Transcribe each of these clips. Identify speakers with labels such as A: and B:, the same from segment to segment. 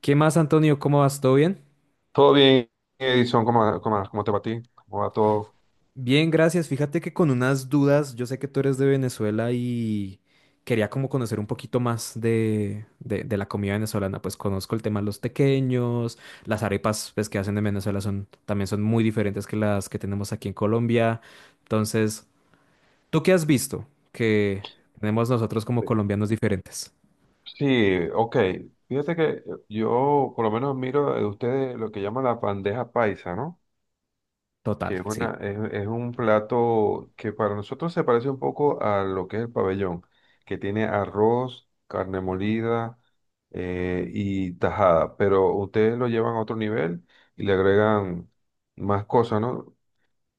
A: ¿Qué más, Antonio? ¿Cómo vas? ¿Todo bien?
B: Todo bien, Edison, ¿cómo te va a ti? ¿Cómo va todo?
A: Bien, gracias. Fíjate que con unas dudas, yo sé que tú eres de Venezuela y quería como conocer un poquito más de la comida venezolana. Pues conozco el tema de los tequeños, las arepas pues, que hacen en Venezuela son, también son muy diferentes que las que tenemos aquí en Colombia. Entonces, ¿tú qué has visto que tenemos nosotros como
B: Sí.
A: colombianos diferentes?
B: Sí, ok. Fíjate que yo por lo menos miro de ustedes lo que llaman la bandeja paisa, ¿no?
A: Total,
B: Que es,
A: sí.
B: una, es un plato que para nosotros se parece un poco a lo que es el pabellón, que tiene arroz, carne molida y tajada, pero ustedes lo llevan a otro nivel y le agregan más cosas, ¿no?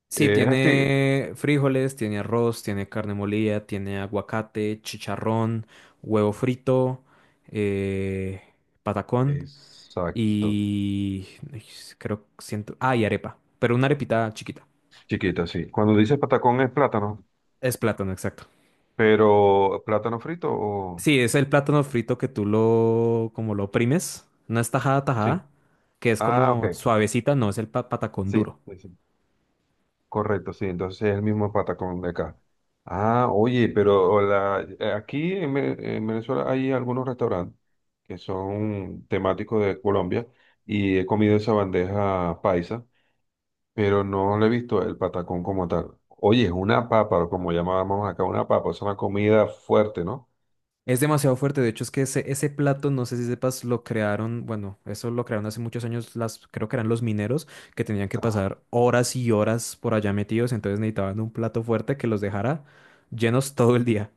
A: Sí,
B: Es así.
A: tiene frijoles, tiene arroz, tiene carne molida, tiene aguacate, chicharrón, huevo frito, eh, patacón
B: Exacto.
A: y ay, creo siento, ah, y arepa, pero una arepita chiquita.
B: Chiquita, sí. Cuando dices patacón es plátano,
A: Es plátano, exacto.
B: pero plátano frito o...
A: Sí, es el plátano frito que tú lo como lo oprimes, no es tajada
B: Sí.
A: tajada, que es
B: Ah, ok.
A: como suavecita, no es el patacón
B: Sí,
A: duro.
B: sí, sí. Correcto, sí. Entonces es el mismo patacón de acá. Ah, oye, pero la... aquí en, Ve- en Venezuela hay algunos restaurantes que son temáticos de Colombia y he comido esa bandeja paisa, pero no le he visto el patacón como tal. Oye, es una papa, como llamábamos acá, una papa, es una comida fuerte, ¿no?
A: Es demasiado fuerte, de hecho es que ese plato, no sé si sepas, lo crearon, bueno, eso lo crearon hace muchos años, las, creo que eran los mineros que tenían que pasar horas y horas por allá metidos, entonces necesitaban un plato fuerte que los dejara llenos todo el día.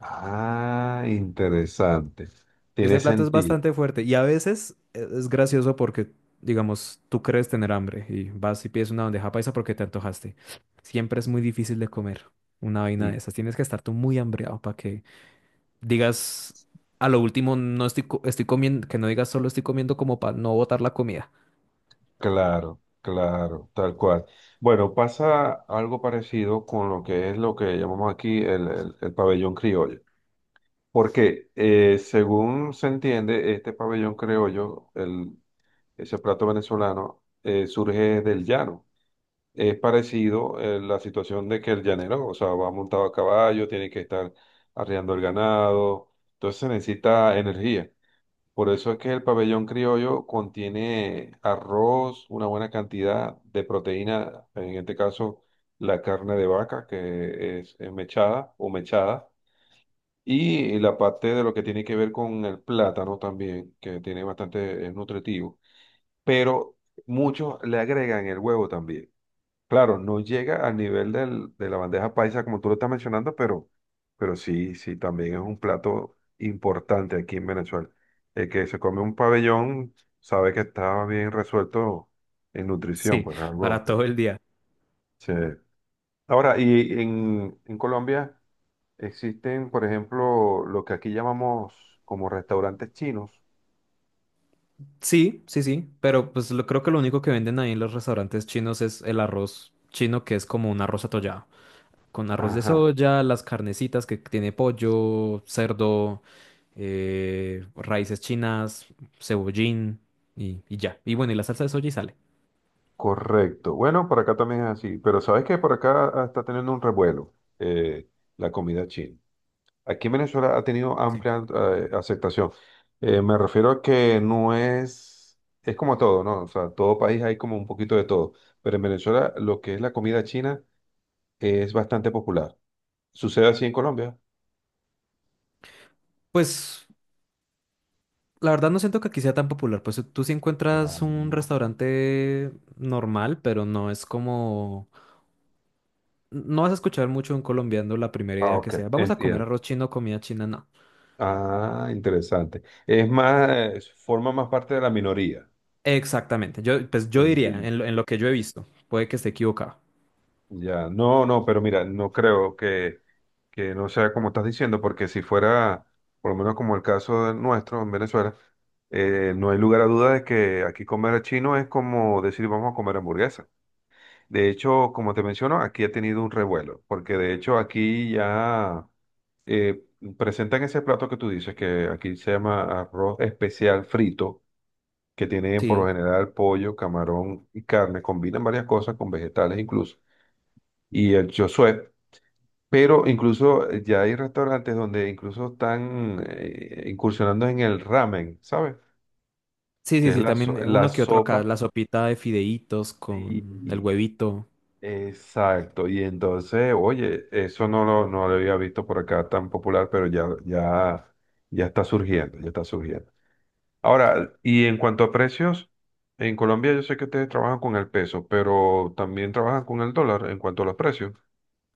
B: Ah, interesante. Tiene
A: Ese plato es
B: sentido.
A: bastante fuerte y a veces es gracioso porque, digamos, tú crees tener hambre y vas y pides una bandeja paisa porque te antojaste. Siempre es muy difícil de comer una vaina de
B: Sí,
A: esas, tienes que estar tú muy hambreado para que digas a lo último, no estoy, estoy comiendo, que no digas solo estoy comiendo como para no botar la comida.
B: claro, claro, tal cual. Bueno, pasa algo parecido con lo que es lo que llamamos aquí el pabellón criollo. Porque según se entiende, este pabellón criollo, ese plato venezolano, surge del llano. Es parecido la situación de que el llanero, o sea, va montado a caballo, tiene que estar arreando el ganado, entonces se necesita energía. Por eso es que el pabellón criollo contiene arroz, una buena cantidad de proteína, en este caso la carne de vaca, que es mechada o mechada, y la parte de lo que tiene que ver con el plátano también, que tiene bastante, es nutritivo. Pero muchos le agregan el huevo también. Claro, no llega al nivel de la bandeja paisa como tú lo estás mencionando, pero sí, sí, también es un plato importante aquí en Venezuela. El que se come un pabellón sabe que está bien resuelto en nutrición,
A: Sí,
B: pues
A: para
B: algo.
A: todo el día.
B: Sí. Ahora, y en Colombia existen, por ejemplo, lo que aquí llamamos como restaurantes chinos.
A: Sí, sí, sí, pero pues lo, creo que lo único que venden ahí en los restaurantes chinos es el arroz chino, que es como un arroz atollado, con arroz de
B: Ajá,
A: soya, las carnecitas que tiene pollo, cerdo, raíces chinas, cebollín y ya. Y bueno, y la salsa de soya y sale.
B: correcto. Bueno, por acá también es así, pero sabes que por acá está teniendo un revuelo eh, la comida china. Aquí en Venezuela ha tenido amplia aceptación. Me refiero a que no es, es como todo, ¿no? O sea, todo país hay como un poquito de todo, pero en Venezuela lo que es la comida china es bastante popular. ¿Sucede así en Colombia?
A: Pues la verdad no siento que aquí sea tan popular, pues tú sí
B: No,
A: encuentras un
B: no.
A: restaurante normal, pero no es como... No vas a escuchar mucho un colombiano la primera
B: Ah,
A: idea que
B: ok,
A: sea, vamos a comer
B: entiendo.
A: arroz chino, comida china, no.
B: Ah, interesante. Es más, forma más parte de la minoría.
A: Exactamente, yo, pues yo diría,
B: Entiendo.
A: en en lo que yo he visto, puede que esté equivocado.
B: Ya, no, no, pero mira, no creo que no sea como estás diciendo, porque si fuera, por lo menos como el caso de nuestro en Venezuela, no hay lugar a duda de que aquí comer chino es como decir vamos a comer hamburguesa. De hecho, como te menciono, aquí ha tenido un revuelo, porque de hecho aquí ya eh, presentan ese plato que tú dices, que aquí se llama arroz especial frito, que tiene por lo
A: Sí,
B: general pollo, camarón y carne, combinan varias cosas con vegetales incluso y el Chosué. Pero incluso ya hay restaurantes donde incluso están incursionando en el ramen, ¿sabes?
A: sí, sí,
B: Que es
A: sí, también
B: la
A: uno que otro acá,
B: sopa.
A: la sopita de fideitos con el
B: Sí,
A: huevito.
B: exacto. Y entonces, oye, eso no lo había visto por acá tan popular, pero ya, ya, ya está surgiendo, ya está surgiendo. Ahora, y en cuanto a precios, en Colombia yo sé que ustedes trabajan con el peso, pero también trabajan con el dólar en cuanto a los precios.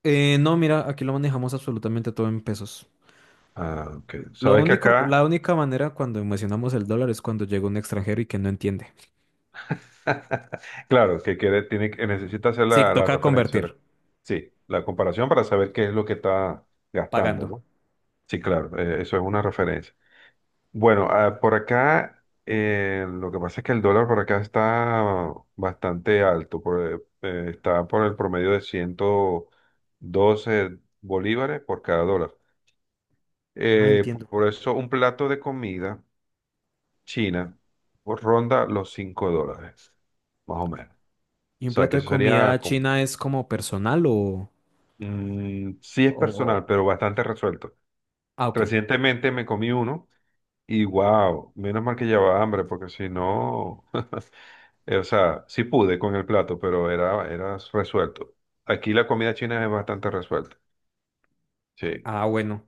A: No, mira, aquí lo manejamos absolutamente todo en pesos.
B: Ah, ok.
A: Lo
B: Sabes que
A: único,
B: acá
A: la única manera cuando mencionamos el dólar es cuando llega un extranjero y que no entiende.
B: Claro, que quiere, tiene, necesita hacer
A: Sí,
B: la
A: toca
B: referencia,
A: convertir,
B: la- sí, la comparación para saber qué es lo que está gastando,
A: pagando.
B: ¿no? Sí, claro, eso es una referencia. Bueno, por acá, lo que pasa es que el dólar por acá está bastante alto, por, está por el promedio de 112 bolívares por cada dólar.
A: Ah, entiendo.
B: Por eso un plato de comida china ronda los $5, más o menos.
A: ¿Y
B: O
A: un
B: sea,
A: plato
B: que
A: de
B: eso sería
A: comida china es como personal o,
B: Mm, sí es
A: o-
B: personal,
A: o-
B: pero bastante resuelto.
A: ah, ok.
B: Recientemente me comí uno y wow, menos mal que llevaba hambre, porque si no, o sea, sí pude con el plato, pero era, era resuelto. Aquí la comida china es bastante resuelta. Sí.
A: Ah, bueno.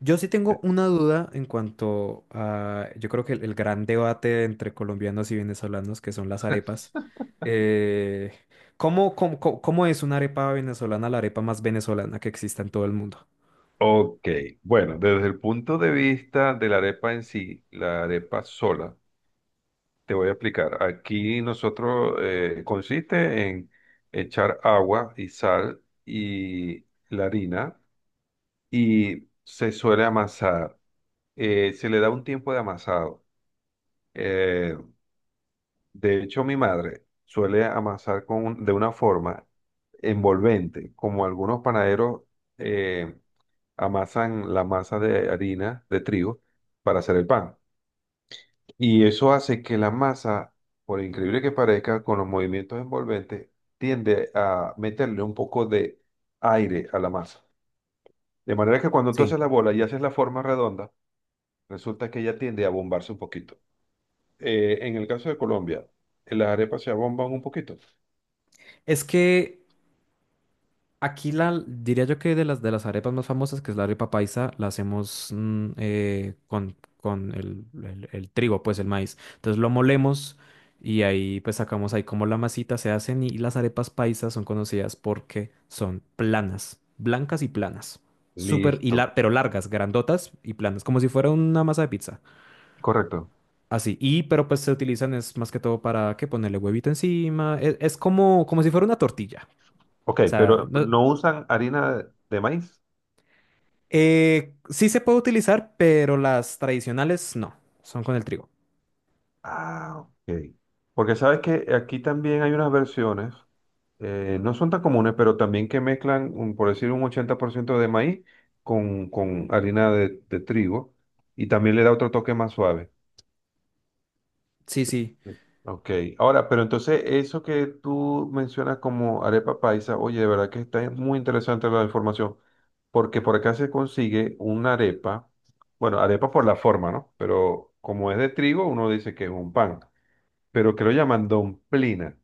A: Yo sí tengo una duda en cuanto a, yo creo que el gran debate entre colombianos y venezolanos, que son las arepas. Eh, ¿Cómo, cómo, cómo es una arepa venezolana, la arepa más venezolana que exista en todo el mundo?
B: Ok, bueno, desde el punto de vista de la arepa en sí, la arepa sola. Te voy a explicar. Aquí nosotros consiste en echar agua y sal y la harina y se suele amasar. Se le da un tiempo de amasado. Eh, de hecho, mi madre suele amasar con de una forma envolvente, como algunos panaderos eh, amasan la masa de harina de trigo para hacer el pan. Y eso hace que la masa, por increíble que parezca, con los movimientos envolventes, tiende a meterle un poco de aire a la masa. De manera que cuando tú haces
A: Sí.
B: la bola y haces la forma redonda, resulta que ella tiende a bombarse un poquito. En el caso de Colombia, las arepas se abomban un poquito.
A: Es que aquí la, diría yo que de las arepas más famosas, que es la arepa paisa, la hacemos con el, el trigo, pues el maíz. Entonces lo molemos y ahí pues sacamos ahí como la masita se hacen y las arepas paisas son conocidas porque son planas, blancas y planas. Súper, y
B: Listo,
A: pero largas, grandotas y planas, como si fuera una masa de pizza.
B: correcto.
A: Así, y pero pues se utilizan es más que todo para que ponerle huevito encima, es, como, como si fuera una tortilla.
B: Ok,
A: O sea,
B: pero no usan harina de maíz.
A: eh, sí se puede utilizar, pero las tradicionales no, son con el trigo.
B: Ah, ok. Porque sabes que aquí también hay unas versiones no son tan comunes, pero también que mezclan, un- por decir, un 80% de maíz con harina de trigo y también le da otro toque más suave.
A: Sí, sí.
B: Sí. Ok, ahora, pero entonces eso que tú mencionas como arepa paisa, oye, de verdad que está muy interesante la información, porque por acá se consigue una arepa, bueno, arepa por la forma, ¿no? Pero como es de trigo, uno dice que es un pan, pero que lo llaman domplina,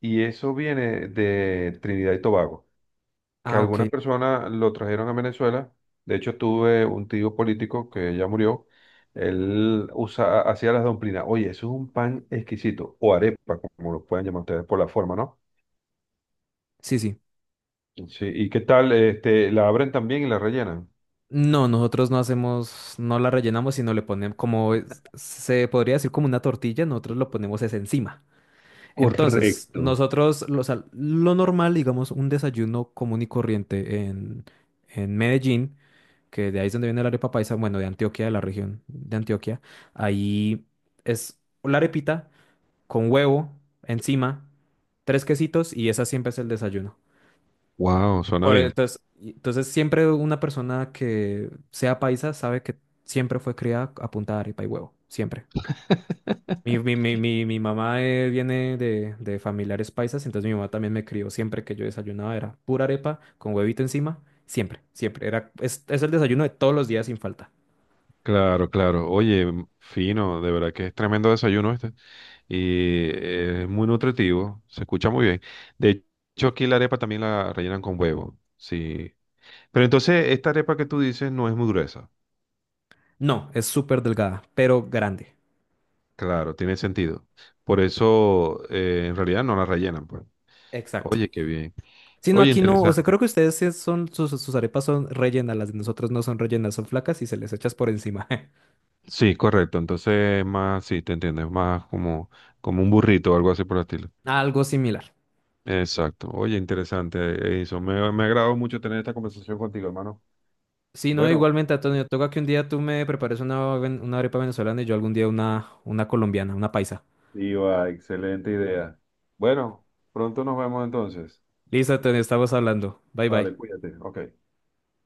B: y eso viene de Trinidad y Tobago. Que
A: Ah, ok,
B: algunas
A: no.
B: personas lo trajeron a Venezuela. De hecho, tuve un tío político que ya murió. Él usa, hacía las domplinas. Oye, eso es un pan exquisito, o arepa, como lo pueden llamar ustedes por la forma, ¿no?
A: Sí, sí.
B: Sí, ¿y qué tal? Este, la abren también y la rellenan.
A: No, nosotros no hacemos, no la rellenamos, sino le ponemos como se podría decir como una tortilla, nosotros lo ponemos es encima. Entonces,
B: Correcto.
A: nosotros, lo, o sea, lo normal, digamos, un desayuno común y corriente en Medellín, que de ahí es donde viene la arepa paisa, bueno, de Antioquia, de la región de Antioquia, ahí es la arepita con huevo encima, tres quesitos y esa siempre es el desayuno.
B: Wow, suena
A: Por, e,
B: bien.
A: entonces, entonces, siempre una persona que sea paisa sabe que siempre fue criada a punta de arepa y huevo, siempre. Mi mamá viene de familiares paisas, entonces mi mamá también me crió siempre que yo desayunaba, era pura arepa con huevito encima, siempre, siempre. Era, es el desayuno de todos los días sin falta.
B: Claro, claro. Oye, m- fino, de verdad que es tremendo desayuno este. Y es muy nutritivo, se escucha muy bien. De hecho, aquí la arepa también la rellenan con huevo. Sí, pero entonces, esta arepa que tú dices no es muy gruesa.
A: No, es súper delgada, pero grande.
B: Claro, tiene sentido. Por eso, en realidad no la rellenan, pues.
A: Exacto.
B: Oye, qué bien.
A: Sí, no,
B: Oye,
A: aquí no, o sea,
B: interesante.
A: creo que ustedes sí son, sus, sus arepas son rellenas, las de nosotros no son rellenas, son flacas y se les echas por encima.
B: Sí, correcto. Entonces, es más, sí, te entiendo. Es más como, como un burrito o algo así por el estilo.
A: Algo similar.
B: Exacto. Oye, interesante eso. Me ha agradado mucho tener esta conversación contigo, hermano.
A: Sí, no,
B: Bueno,
A: igualmente, Antonio, toca que un día tú me prepares una, una arepa venezolana y yo algún día una colombiana, una paisa.
B: iba, excelente idea. Bueno, pronto nos vemos entonces.
A: Listo, Antonio, estamos hablando. Bye,
B: Vale,
A: bye.
B: cuídate. Ok.